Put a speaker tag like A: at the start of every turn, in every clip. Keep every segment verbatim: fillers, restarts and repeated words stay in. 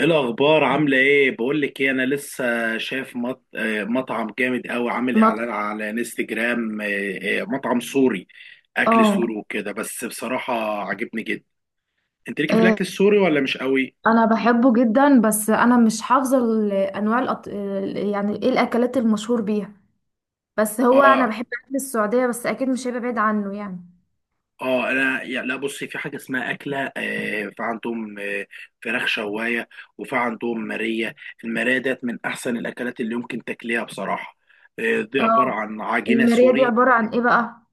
A: ايه الاخبار؟ عامله ايه؟ بقول لك ايه، انا لسه شايف مط... آه، مطعم جامد قوي، عامل
B: نط
A: اعلان على انستجرام. آه، آه، مطعم سوري، اكل
B: اه
A: سوري وكده. بس بصراحه عجبني جدا. انت ليكي في
B: آه،
A: الاكل السوري ولا مش قوي؟
B: انا بحبه جدا، بس انا مش حافظه ال- انواع الأط... ال- يعني ايه الاكلات المشهور بيها. بس هو انا
A: اه.
B: بحب اكل السعوديه، بس اكيد مش هيبقى بعيد عنه يعني.
A: اه انا يا- لا بصي، في حاجه اسمها اكله آه، في عندهم آه، فراخ شوايه، وفي عندهم ماريه. الماريه ديت من احسن الاكلات اللي يمكن تاكليها بصراحه. آه، دي عباره
B: اه.
A: عن عجينه
B: الماريه دي
A: سوري،
B: عباره عن ايه بقى؟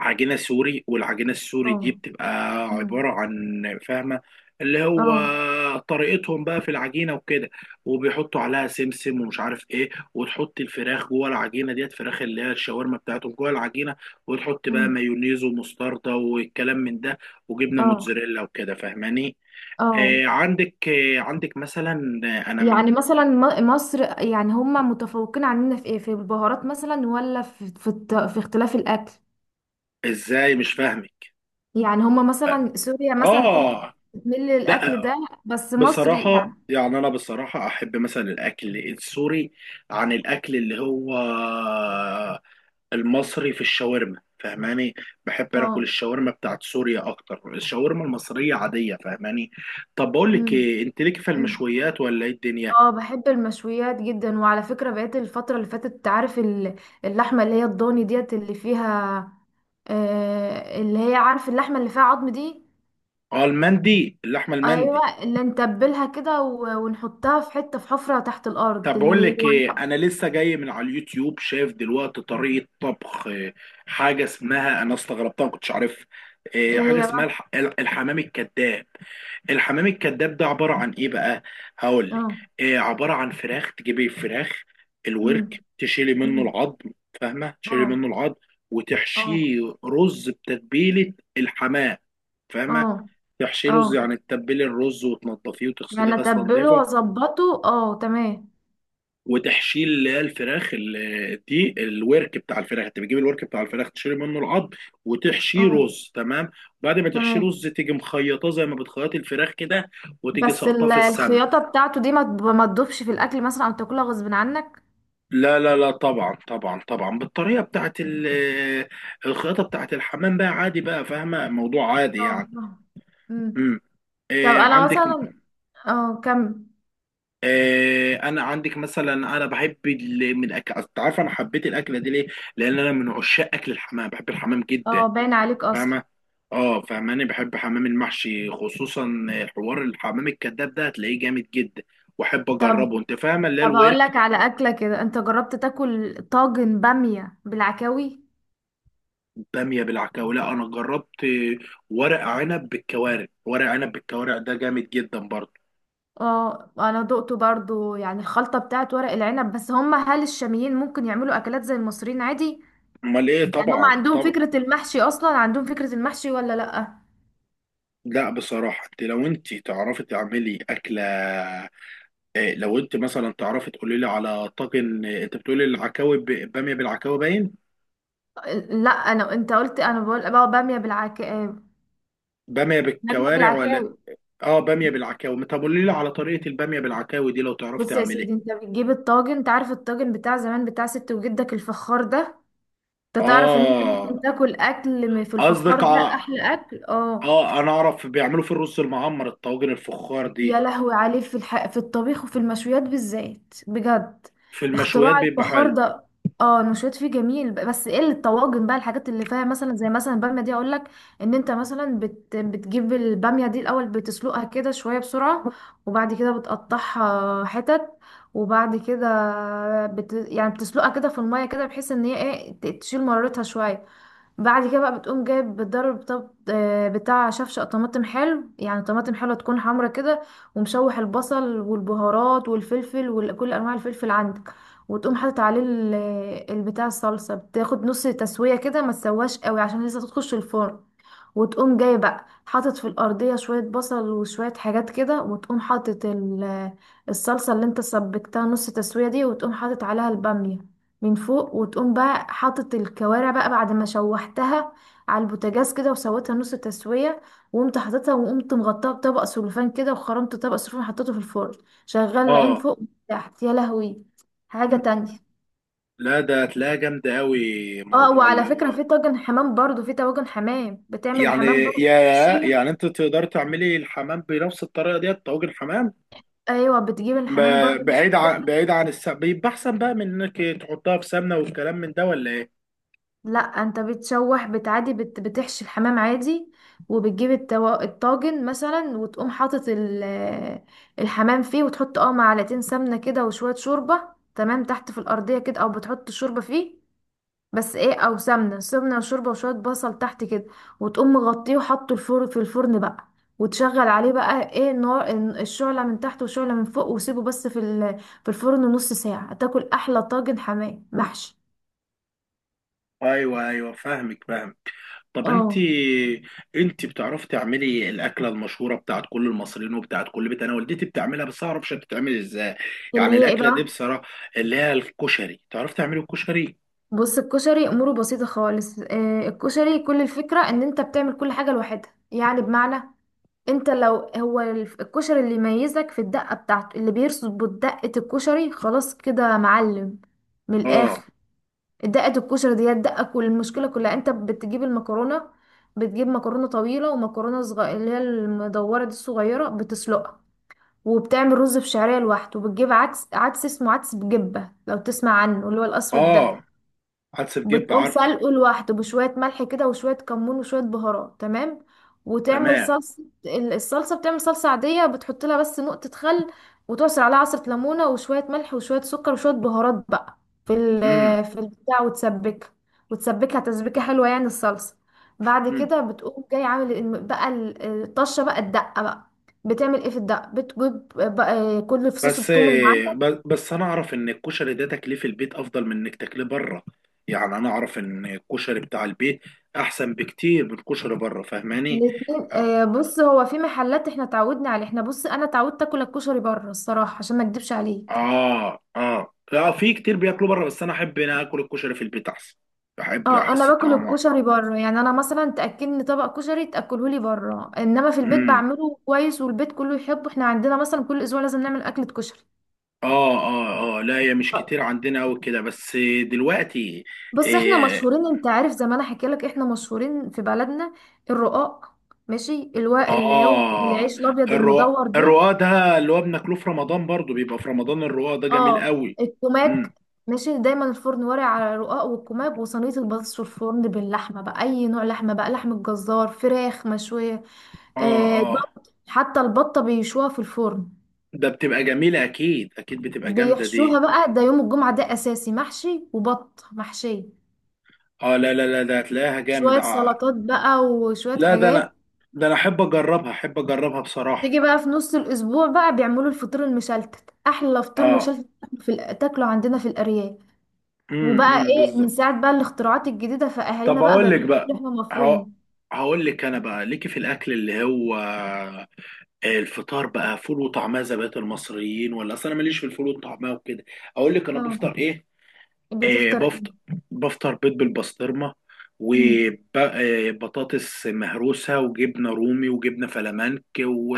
A: عجينة سوري. والعجينة السوري دي
B: اه.
A: بتبقى
B: أمم.
A: عبارة عن، فاهمة، اللي هو
B: اه.
A: طريقتهم بقى في العجينة وكده، وبيحطوا عليها سمسم ومش عارف ايه، وتحط الفراخ جوه العجينة ديت، فراخ اللي هي الشاورما بتاعتهم جوه العجينة، وتحط بقى
B: أمم.
A: مايونيز ومستردة والكلام من ده، وجبنة
B: اه.
A: موتزاريلا وكده، فاهماني؟
B: اه.
A: آه عندك، آه عندك مثلا، آه، انا من،
B: يعني مثلا م- مصر، يعني هم متفوقين عننا في ايه، في البهارات مثلا، ولا في في, الت... في اختلاف الاكل؟
A: ازاي؟ مش فاهمك.
B: يعني هم مثلا سوريا مثلا كل
A: اه،
B: بتميل للاكل
A: لا
B: ده. بس مصر
A: بصراحة
B: يعني.
A: يعني، أنا بصراحة أحب مثلا الأكل السوري عن الأكل اللي هو المصري في الشاورما، فاهماني؟ بحب أكل
B: اه.
A: الشاورما بتاعت سوريا أكتر. الشاورما المصرية عادية، فاهماني؟ طب بقول لك
B: امم.
A: إيه، أنت ليك في
B: أمم.
A: المشويات ولا إيه الدنيا؟
B: اه بحب المشويات جدا، وعلى فكرة بقيت الفترة اللي فاتت عارف ال- اللحمة اللي هي الضاني ديت اللي فيها، آه اللي هي عارف اللحمة اللي فيها عظم دي.
A: أه المندي، اللحمة المندي.
B: ايوه اللي نتبلها كده و- ونحطها في حتة، في حفرة تحت الارض
A: طب بقول
B: اللي
A: لك ايه،
B: هو.
A: انا لسه جاي من على اليوتيوب، شايف دلوقتي طريقه طبخ آه، حاجه اسمها، انا استغربتها ما كنتش عارفها، آه،
B: ايه
A: حاجه
B: هي
A: اسمها
B: بقى؟
A: الح- الحمام الكذاب. الحمام الكذاب ده عباره عن ايه بقى؟ هقول لك
B: اه.
A: إيه. عباره عن فراخ. تجيبي الفراخ،
B: امم.
A: الورك، تشيلي منه
B: أمم.
A: العظم. فاهمه؟ تشيلي
B: اه.
A: منه العظم
B: اه.
A: وتحشيه رز، بتتبيله الحمام، فاهمه؟
B: اه.
A: تحشيه
B: اه.
A: رز، يعني تتبلي الرز وتنضفيه وتغسليه
B: يعني
A: غسله
B: اتبله
A: نظيفه،
B: واظبطه، اه تمام.
A: وتحشيل اللي هي الفراخ ال- دي، الورك بتاع الفراخ. انت بتجيب الورك بتاع الفراخ، تشيل منه العظم وتحشيه
B: اه
A: رز، تمام؟ بعد ما تحشيه
B: تمام.
A: رز، تيجي مخيطاه زي ما بتخيط الفراخ كده، وتيجي
B: بس
A: ساقطاه
B: ال-
A: في السمن.
B: الخياطة بتاعته دي ما تب- ما تدوبش في الأكل مثلا، أو تاكلها غصب عنك؟
A: لا لا لا، طبعا طبعا طبعا، بالطريقه بتاعت ال- الخياطه بتاعت الحمام بقى، عادي بقى، فاهمه؟ موضوع عادي
B: اه
A: يعني.
B: فاهمة. مم.
A: امم،
B: طب
A: إيه
B: أنا
A: عندك؟
B: مثلا اه كم.
A: إيه انا عندك مثلا، انا بحب ال- من الاكل، أصل أنت عارف انا حبيت الاكله دي ليه؟ لان انا من عشاق اكل الحمام، بحب الحمام جدا،
B: اه باين عليك أصلا.
A: فاهمة؟ اه، فاهماني؟ بحب حمام المحشي خصوصا. حوار الحمام الكذاب ده هتلاقيه جامد جدا، واحب
B: طب.
A: اجربه. انت فاهمة؟ اللي هي
B: طب هقول
A: الورك.
B: لك على أكلة كده، أنت جربت تاكل طاجن بامية بالعكاوي؟
A: بامية بالعكاوي؟ لا انا جربت ورق عنب بالكوارع. ورق عنب بالكوارع ده جامد جدا برضه.
B: اه أنا دقته برضو يعني الخلطة بتاعت ورق العنب، بس هم، هل الشاميين ممكن يعملوا أكلات زي المصريين عادي؟
A: امال ايه،
B: يعني هم
A: طبعا
B: عندهم
A: طبعا.
B: فكرة المحشي، أصلا عندهم فكرة المحشي ولا لأ؟
A: لا بصراحة انت لو انت تعرفي تعملي اكلة إيه، لو انت مثلا تعرفي تقولي لي على طاجن إيه، انت بتقولي العكاوي ب- بامية بالعكاوي، باين.
B: لا انا. انت قلت، انا بقول بقى باميه بالعك.
A: بامية
B: نبت
A: بالكوارع ولا؟
B: العكاوي.
A: اه، باميه بالعكاوي. طب قولي لي على طريقه الباميه بالعكاوي دي لو تعرف
B: بص يا
A: تعمليها.
B: سيدي، انت بتجيب الطاجن، انت عارف الطاجن بتاع زمان بتاع ست وجدك الفخار ده. انت تعرف ان انت ممكن
A: اه
B: تاكل اكل م- في الفخار
A: قصدك
B: ده
A: ع-
B: احلى اكل. اه.
A: اه انا اعرف بيعملوا في الرز المعمر الطواجن الفخار
B: يا
A: دي.
B: لهوي عليه في الح... في الطبيخ وفي المشويات بالذات بجد.
A: في المشويات
B: اختراع
A: بيبقى
B: الفخار
A: حلو.
B: ده. اه المشويات فيه جميل، ب- بس ايه اللي الطواجن بقى، الحاجات اللي فيها مثلا زي مثلا الباميه دي اقول لك. ان انت مثلا بت... بتجيب الباميه دي الاول، بتسلقها كده شويه بسرعه. وبعد كده بتقطعها حتت. وبعد كده بت... يعني بتسلقها كده في الميه كده، بحيث ان هي ايه ت- تشيل مرارتها شويه. بعد كده بقى بتقوم جايب بتضرب طب آه، بتاع شفشق طماطم حلو، يعني طماطم حلوه تكون حمرا كده. ومشوح البصل والبهارات والفلفل وكل انواع الفلفل عندك. وتقوم حاطط عليه ال- البتاع الصلصه، بتاخد نص تسويه كده، ما تسواش قوي عشان لسه تخش الفرن. وتقوم جاي بقى حاطط في الارضيه شويه بصل وشويه حاجات كده، وتقوم حاطط ال- الصلصه اللي انت سبكتها نص تسويه دي، وتقوم حاطط عليها الباميه من فوق. وتقوم بقى حاطط الكوارع بقى بعد ما شوحتها على البوتاجاز كده وسويتها نص تسوية. وقمت حاططها وقمت مغطاها بطبق سلوفان كده، وخرمت طبق سلوفان، حطيته في الفرن شغال العين
A: اه.
B: فوق وتحت يا لهوي. حاجة
A: م.
B: تانية.
A: لا، ده هتلاقيها جامده قوي،
B: اه
A: موضوع
B: وعلى
A: اللي
B: فكرة
A: هو،
B: في طاجن حمام برضو، في طواجن حمام بتعمل
A: يعني
B: الحمام برضو
A: يا
B: بتحشيها.
A: يعني انت تقدر تعملي الحمام بنفس الطريقه دي، طواجن حمام.
B: ايوه بتجيب الحمام برضو
A: ب-
B: نفس
A: بعيد عن،
B: الفكرة.
A: بعيد عن السمنه بيبقى احسن بقى من انك تحطها في سمنه والكلام من ده، ولا ايه؟
B: لا انت بتشوح، بتعادي، بت... بتحشي الحمام عادي. وبتجيب التو... الطاجن مثلا، وتقوم حاطط ال... الحمام فيه، وتحط اه معلقتين سمنة كده وشوية شوربة. تمام. تحت في الأرضية كده او بتحط الشوربة فيه. بس ايه، او سمنة، سمنة وشوربة وشوية بصل تحت كده. وتقوم مغطيه وحطه الفرن في الفرن بقى. وتشغل عليه بقى ايه النار، الشعلة من تحت والشعلة من فوق، وسيبه بس في ال... في الفرن نص ساعة، تاكل احلى طاجن حمام محشي.
A: ايوه ايوه، فاهمك فاهمك طب انت،
B: اه.
A: انت بتعرفي تعملي الاكله المشهوره بتاعت كل المصريين وبتاعت كل بيت؟ انا والدتي بتعملها بس اعرفش بتتعمل ازاي،
B: اللي
A: يعني
B: هي ايه
A: الاكله دي
B: بقى؟
A: بصراحه، اللي هي الكشري. تعرفي تعملي الكشري؟
B: بص الكشري اموره بسيطه خالص، آه، الكشري كل الفكره ان انت بتعمل كل حاجه لوحدها، يعني بمعنى. انت لو هو الف- الكشري اللي يميزك في الدقه بتاعته، اللي بيرسبوا دقه الكشري خلاص كده معلم من الاخر.
A: اه،
B: دقه الكشري دي هي الدقه، كل المشكله كلها، انت بتجيب المكرونه. بتجيب مكرونه طويله ومكرونه صغيره اللي هي المدوره دي الصغيره بتسلقها. وبتعمل رز بشعريه لوحده، وبتجيب عدس. عدس اسمه عدس، بجبه لو تسمع عنه اللي هو الاسود ده.
A: اه، حدس بجيب،
B: بتقوم
A: عارفه.
B: سلقه لوحده بشوية ملح كده وشوية كمون وشوية بهارات تمام. وتعمل
A: تمام.
B: صلصة ال- الصلصة، بتعمل صلصة عادية بتحط لها بس نقطة خل. وتعصر عليها عصرة ليمونة وشوية ملح وشوية سكر وشوية بهارات بقى في ال
A: امم،
B: في البتاع، وتسبكها. وتسبكها تسبيكة حلوة يعني الصلصة. بعد
A: امم.
B: كده بتقوم جاي عامل الم- بقى ال- الطشة بقى الدقة بقى. بتعمل ايه في الدقة، بتجيب بقى كل فصوص
A: بس
B: الثوم اللي معاك.
A: ب- بس انا اعرف ان الكشري ده تاكليه في البيت افضل من انك تاكليه بره، يعني انا اعرف ان الكشري بتاع البيت احسن بكتير من الكشري بره، فاهماني؟
B: الاتنين آه، بص هو في محلات احنا اتعودنا عليه، احنا بص انا اتعودت اكل الكشري بره الصراحه عشان ما اكدبش عليك.
A: اه اه، لا في كتير بياكلوا بره، بس انا احب انا اكل الكشري في البيت احسن، بحب
B: اه انا
A: احس
B: باكل
A: طعمه.
B: الكشري بره، يعني انا مثلا تاكلني طبق كشري تاكله لي بره، انما في البيت
A: امم.
B: بعمله كويس والبيت كله يحبه، احنا عندنا مثلا كل اسبوع لازم نعمل اكله كشري.
A: اه اه اه، لا هي مش
B: آه،
A: كتير عندنا قوي كده بس دلوقتي.
B: بص احنا
A: إيه.
B: مشهورين، انت عارف زي ما انا حكي لك، احنا مشهورين في بلدنا الرقاق. ماشي الوا اللي هو
A: اه،
B: العيش الابيض
A: الرواق.
B: المدور ده.
A: الرواق ده اللي هو بناكله في رمضان برضو، بيبقى في رمضان الرواق ده جميل
B: اه
A: قوي.
B: الكوماج.
A: امم.
B: ماشي دايما الفرن ورق على رقاق والكوماج وصينيه البطاطس في الفرن باللحمه بقى، اي نوع لحمه بقى، لحمه جزار، فراخ مشويه.
A: اه،
B: آه
A: اه.
B: بط، حتى البطه بيشوها في الفرن.
A: ده بتبقى جميلة اكيد، اكيد بتبقى جامدة دي.
B: بيحشوها بقى، ده يوم الجمعه ده اساسي محشي وبط محشيه.
A: اه لا لا لا، ده هتلاقيها جامد.
B: شويه
A: آه.
B: سلطات بقى وشويه
A: لا ده انا،
B: حاجات.
A: ده انا احب اجربها، احب اجربها بصراحة.
B: تيجي بقى في نص الاسبوع بقى بيعملوا الفطير المشلتت، احلى فطير
A: اه.
B: مشلتت في الأ- تاكله عندنا في الارياف.
A: امم
B: وبقى
A: امم،
B: ايه من
A: بالظبط.
B: ساعة بقى الاختراعات الجديدة، فأهالينا
A: طب
B: بقى
A: اقول
B: بقى
A: لك
B: بيحشوا
A: بقى،
B: لحمة
A: هق-
B: مفروم.
A: هقول لك انا بقى. ليكي في الاكل اللي هو الفطار بقى فول وطعميه زي بقيه المصريين، ولا؟ اصل انا ماليش في الفول والطعميه وكده. اقول لك انا
B: اه.
A: بفطر ايه؟ إيه؟
B: بتفطر ايه؟
A: بفطر، بفطر بيض بالبسطرمه
B: امم.
A: وبطاطس مهروسه وجبنه رومي وجبنه فلامنك و...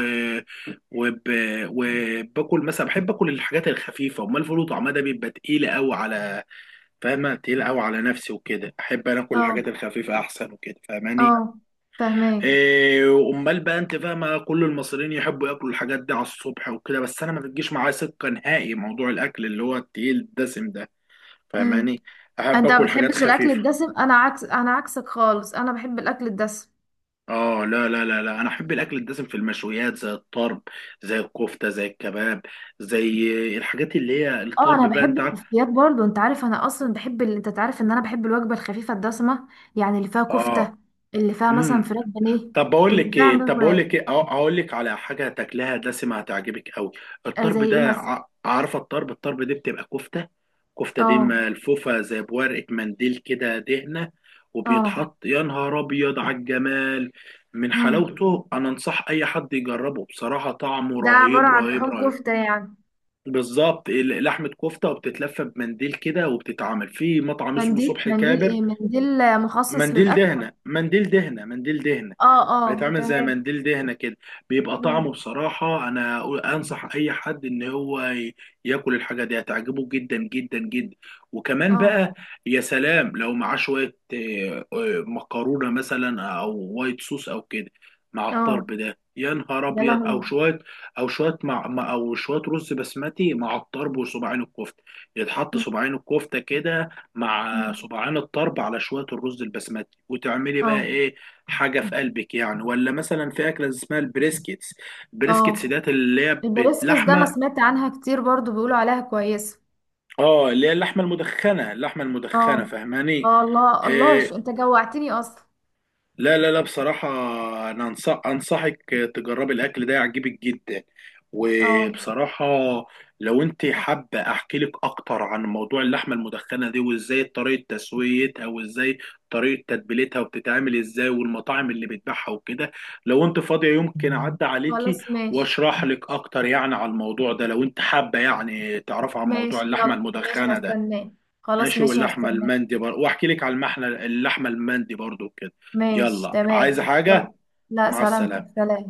A: وب... وباكل مثلا، بحب اكل الحاجات الخفيفه. امال الفول وطعميه ده بيبقى تقيله قوي على، فاهمة؟ تقيل قوي على نفسي وكده. احب انا كل الحاجات
B: اه.
A: الخفيفة احسن وكده، فاهماني؟
B: اه فاهماه.
A: إيه امال بقى، انت فاهمة كل المصريين يحبوا ياكلوا الحاجات دي على الصبح وكده، بس انا ما بتجيش معايا سكة نهائي موضوع الاكل اللي هو التقيل الدسم ده،
B: امم.
A: فاهماني؟ احب
B: انت ما
A: اكل حاجات
B: بتحبش الاكل
A: خفيفة.
B: الدسم، انا عكس، انا عكسك خالص، انا بحب الاكل الدسم.
A: اه لا لا لا لا، انا احب الاكل الدسم في المشويات زي الطرب، زي الكفتة، زي الكباب، زي الحاجات اللي هي
B: اه
A: الطرب
B: انا
A: بقى،
B: بحب
A: انت عارف.
B: الكفتيات برضو، انت عارف انا اصلا بحب ال... انت تعرف ان انا بحب الوجبه الخفيفه الدسمه. يعني اللي فيها
A: اه.
B: كفته. اللي فيها مثلا فراخ بانيه.
A: طب بقول
B: اللي
A: لك
B: فيها
A: ايه،
B: مثلا
A: طب بقول
B: فراخ.
A: لك ايه، أه- اقول لك على حاجه تاكلها دسمه هتعجبك قوي.
B: آه زي
A: الطرب
B: ايه
A: ده،
B: مثلا؟
A: ع- عارفه الطرب؟ الطرب دي بتبقى كفته، كفته دي
B: اه.
A: ملفوفه زي بورقه منديل كده دهنه،
B: اه.
A: وبيتحط يا نهار ابيض على الجمال من
B: امم.
A: حلاوته. انا انصح اي حد يجربه بصراحه، طعمه
B: ده عباره
A: رهيب
B: عن
A: رهيب
B: لحوم
A: رهيب.
B: كفته يعني؟
A: بالظبط ال- لحمه كفته، وبتتلف بمنديل كده، وبتتعمل في مطعم اسمه
B: منديل.
A: صبح
B: منديل
A: كابر.
B: ايه؟ منديل آه، مخصص
A: منديل
B: للاكل؟
A: دهنه، منديل دهنه، منديل دهنه.
B: اه.
A: بقيت
B: اه
A: عامل زي
B: تمام.
A: منديل دهنة كده. بيبقى طعمه بصراحة، أنا أقول- أنصح أي حد إن هو ي- ياكل الحاجة دي، هتعجبه جدا جدا جدا. وكمان
B: اه.
A: بقى يا سلام لو معاه شوية آه، آه، مكرونة مثلا أو وايت صوص أو كده مع الطرب
B: اه
A: ده، يا نهار
B: يا
A: أبيض.
B: لهوي.
A: أو شوية، أو شوية مع مع- أو شوية رز بسمتي مع الطرب وصباعين الكفتة، يتحط
B: م-
A: صباعين الكفتة كده مع
B: م.
A: صباعين الطرب على شوية الرز البسمتي، وتعملي بقى
B: اه.
A: إيه حاجة في قلبك يعني. ولا مثلا في أكلة اسمها البريسكيتس. البريسكيتس
B: اه.
A: ديت اللي هي بت-
B: البريسكس ده انا
A: لحمة،
B: سمعت عنها كتير برضو بيقولوا عليها كويسة.
A: اه، اللي هي اللحمة المدخنة، اللحمة المدخنة،
B: اه.
A: فاهماني؟
B: اه الله الله،
A: آه،
B: شو انت جوعتني اصلا.
A: لا لا لا بصراحة، أنا أنصح، أنصحك تجربي الأكل ده، يعجبك جدا.
B: اه
A: وبصراحة لو أنت حابة أحكي لك أكتر عن موضوع اللحمة المدخنة دي، وإزاي طريقة تسويتها، وإزاي طريقة تتبيلتها، وبتتعمل إزاي، والمطاعم اللي بتبيعها وكده، لو أنت فاضية يمكن أعدي عليكي
B: خلاص ماشي.
A: وأشرح لك أكتر يعني على الموضوع ده، لو أنت حابة يعني تعرف عن موضوع
B: ماشي
A: اللحمة
B: يلا، ماشي
A: المدخنة ده.
B: هستناه. خلاص
A: ماشي،
B: ماشي
A: واللحمه
B: هستناه.
A: المندي برضه، واحكي لك على المحنه، اللحمه المندي برضه كده.
B: ماشي
A: يلا، عايزه
B: تمام
A: حاجه؟
B: يلا. لا
A: مع
B: سلامتك،
A: السلامه.
B: سلام.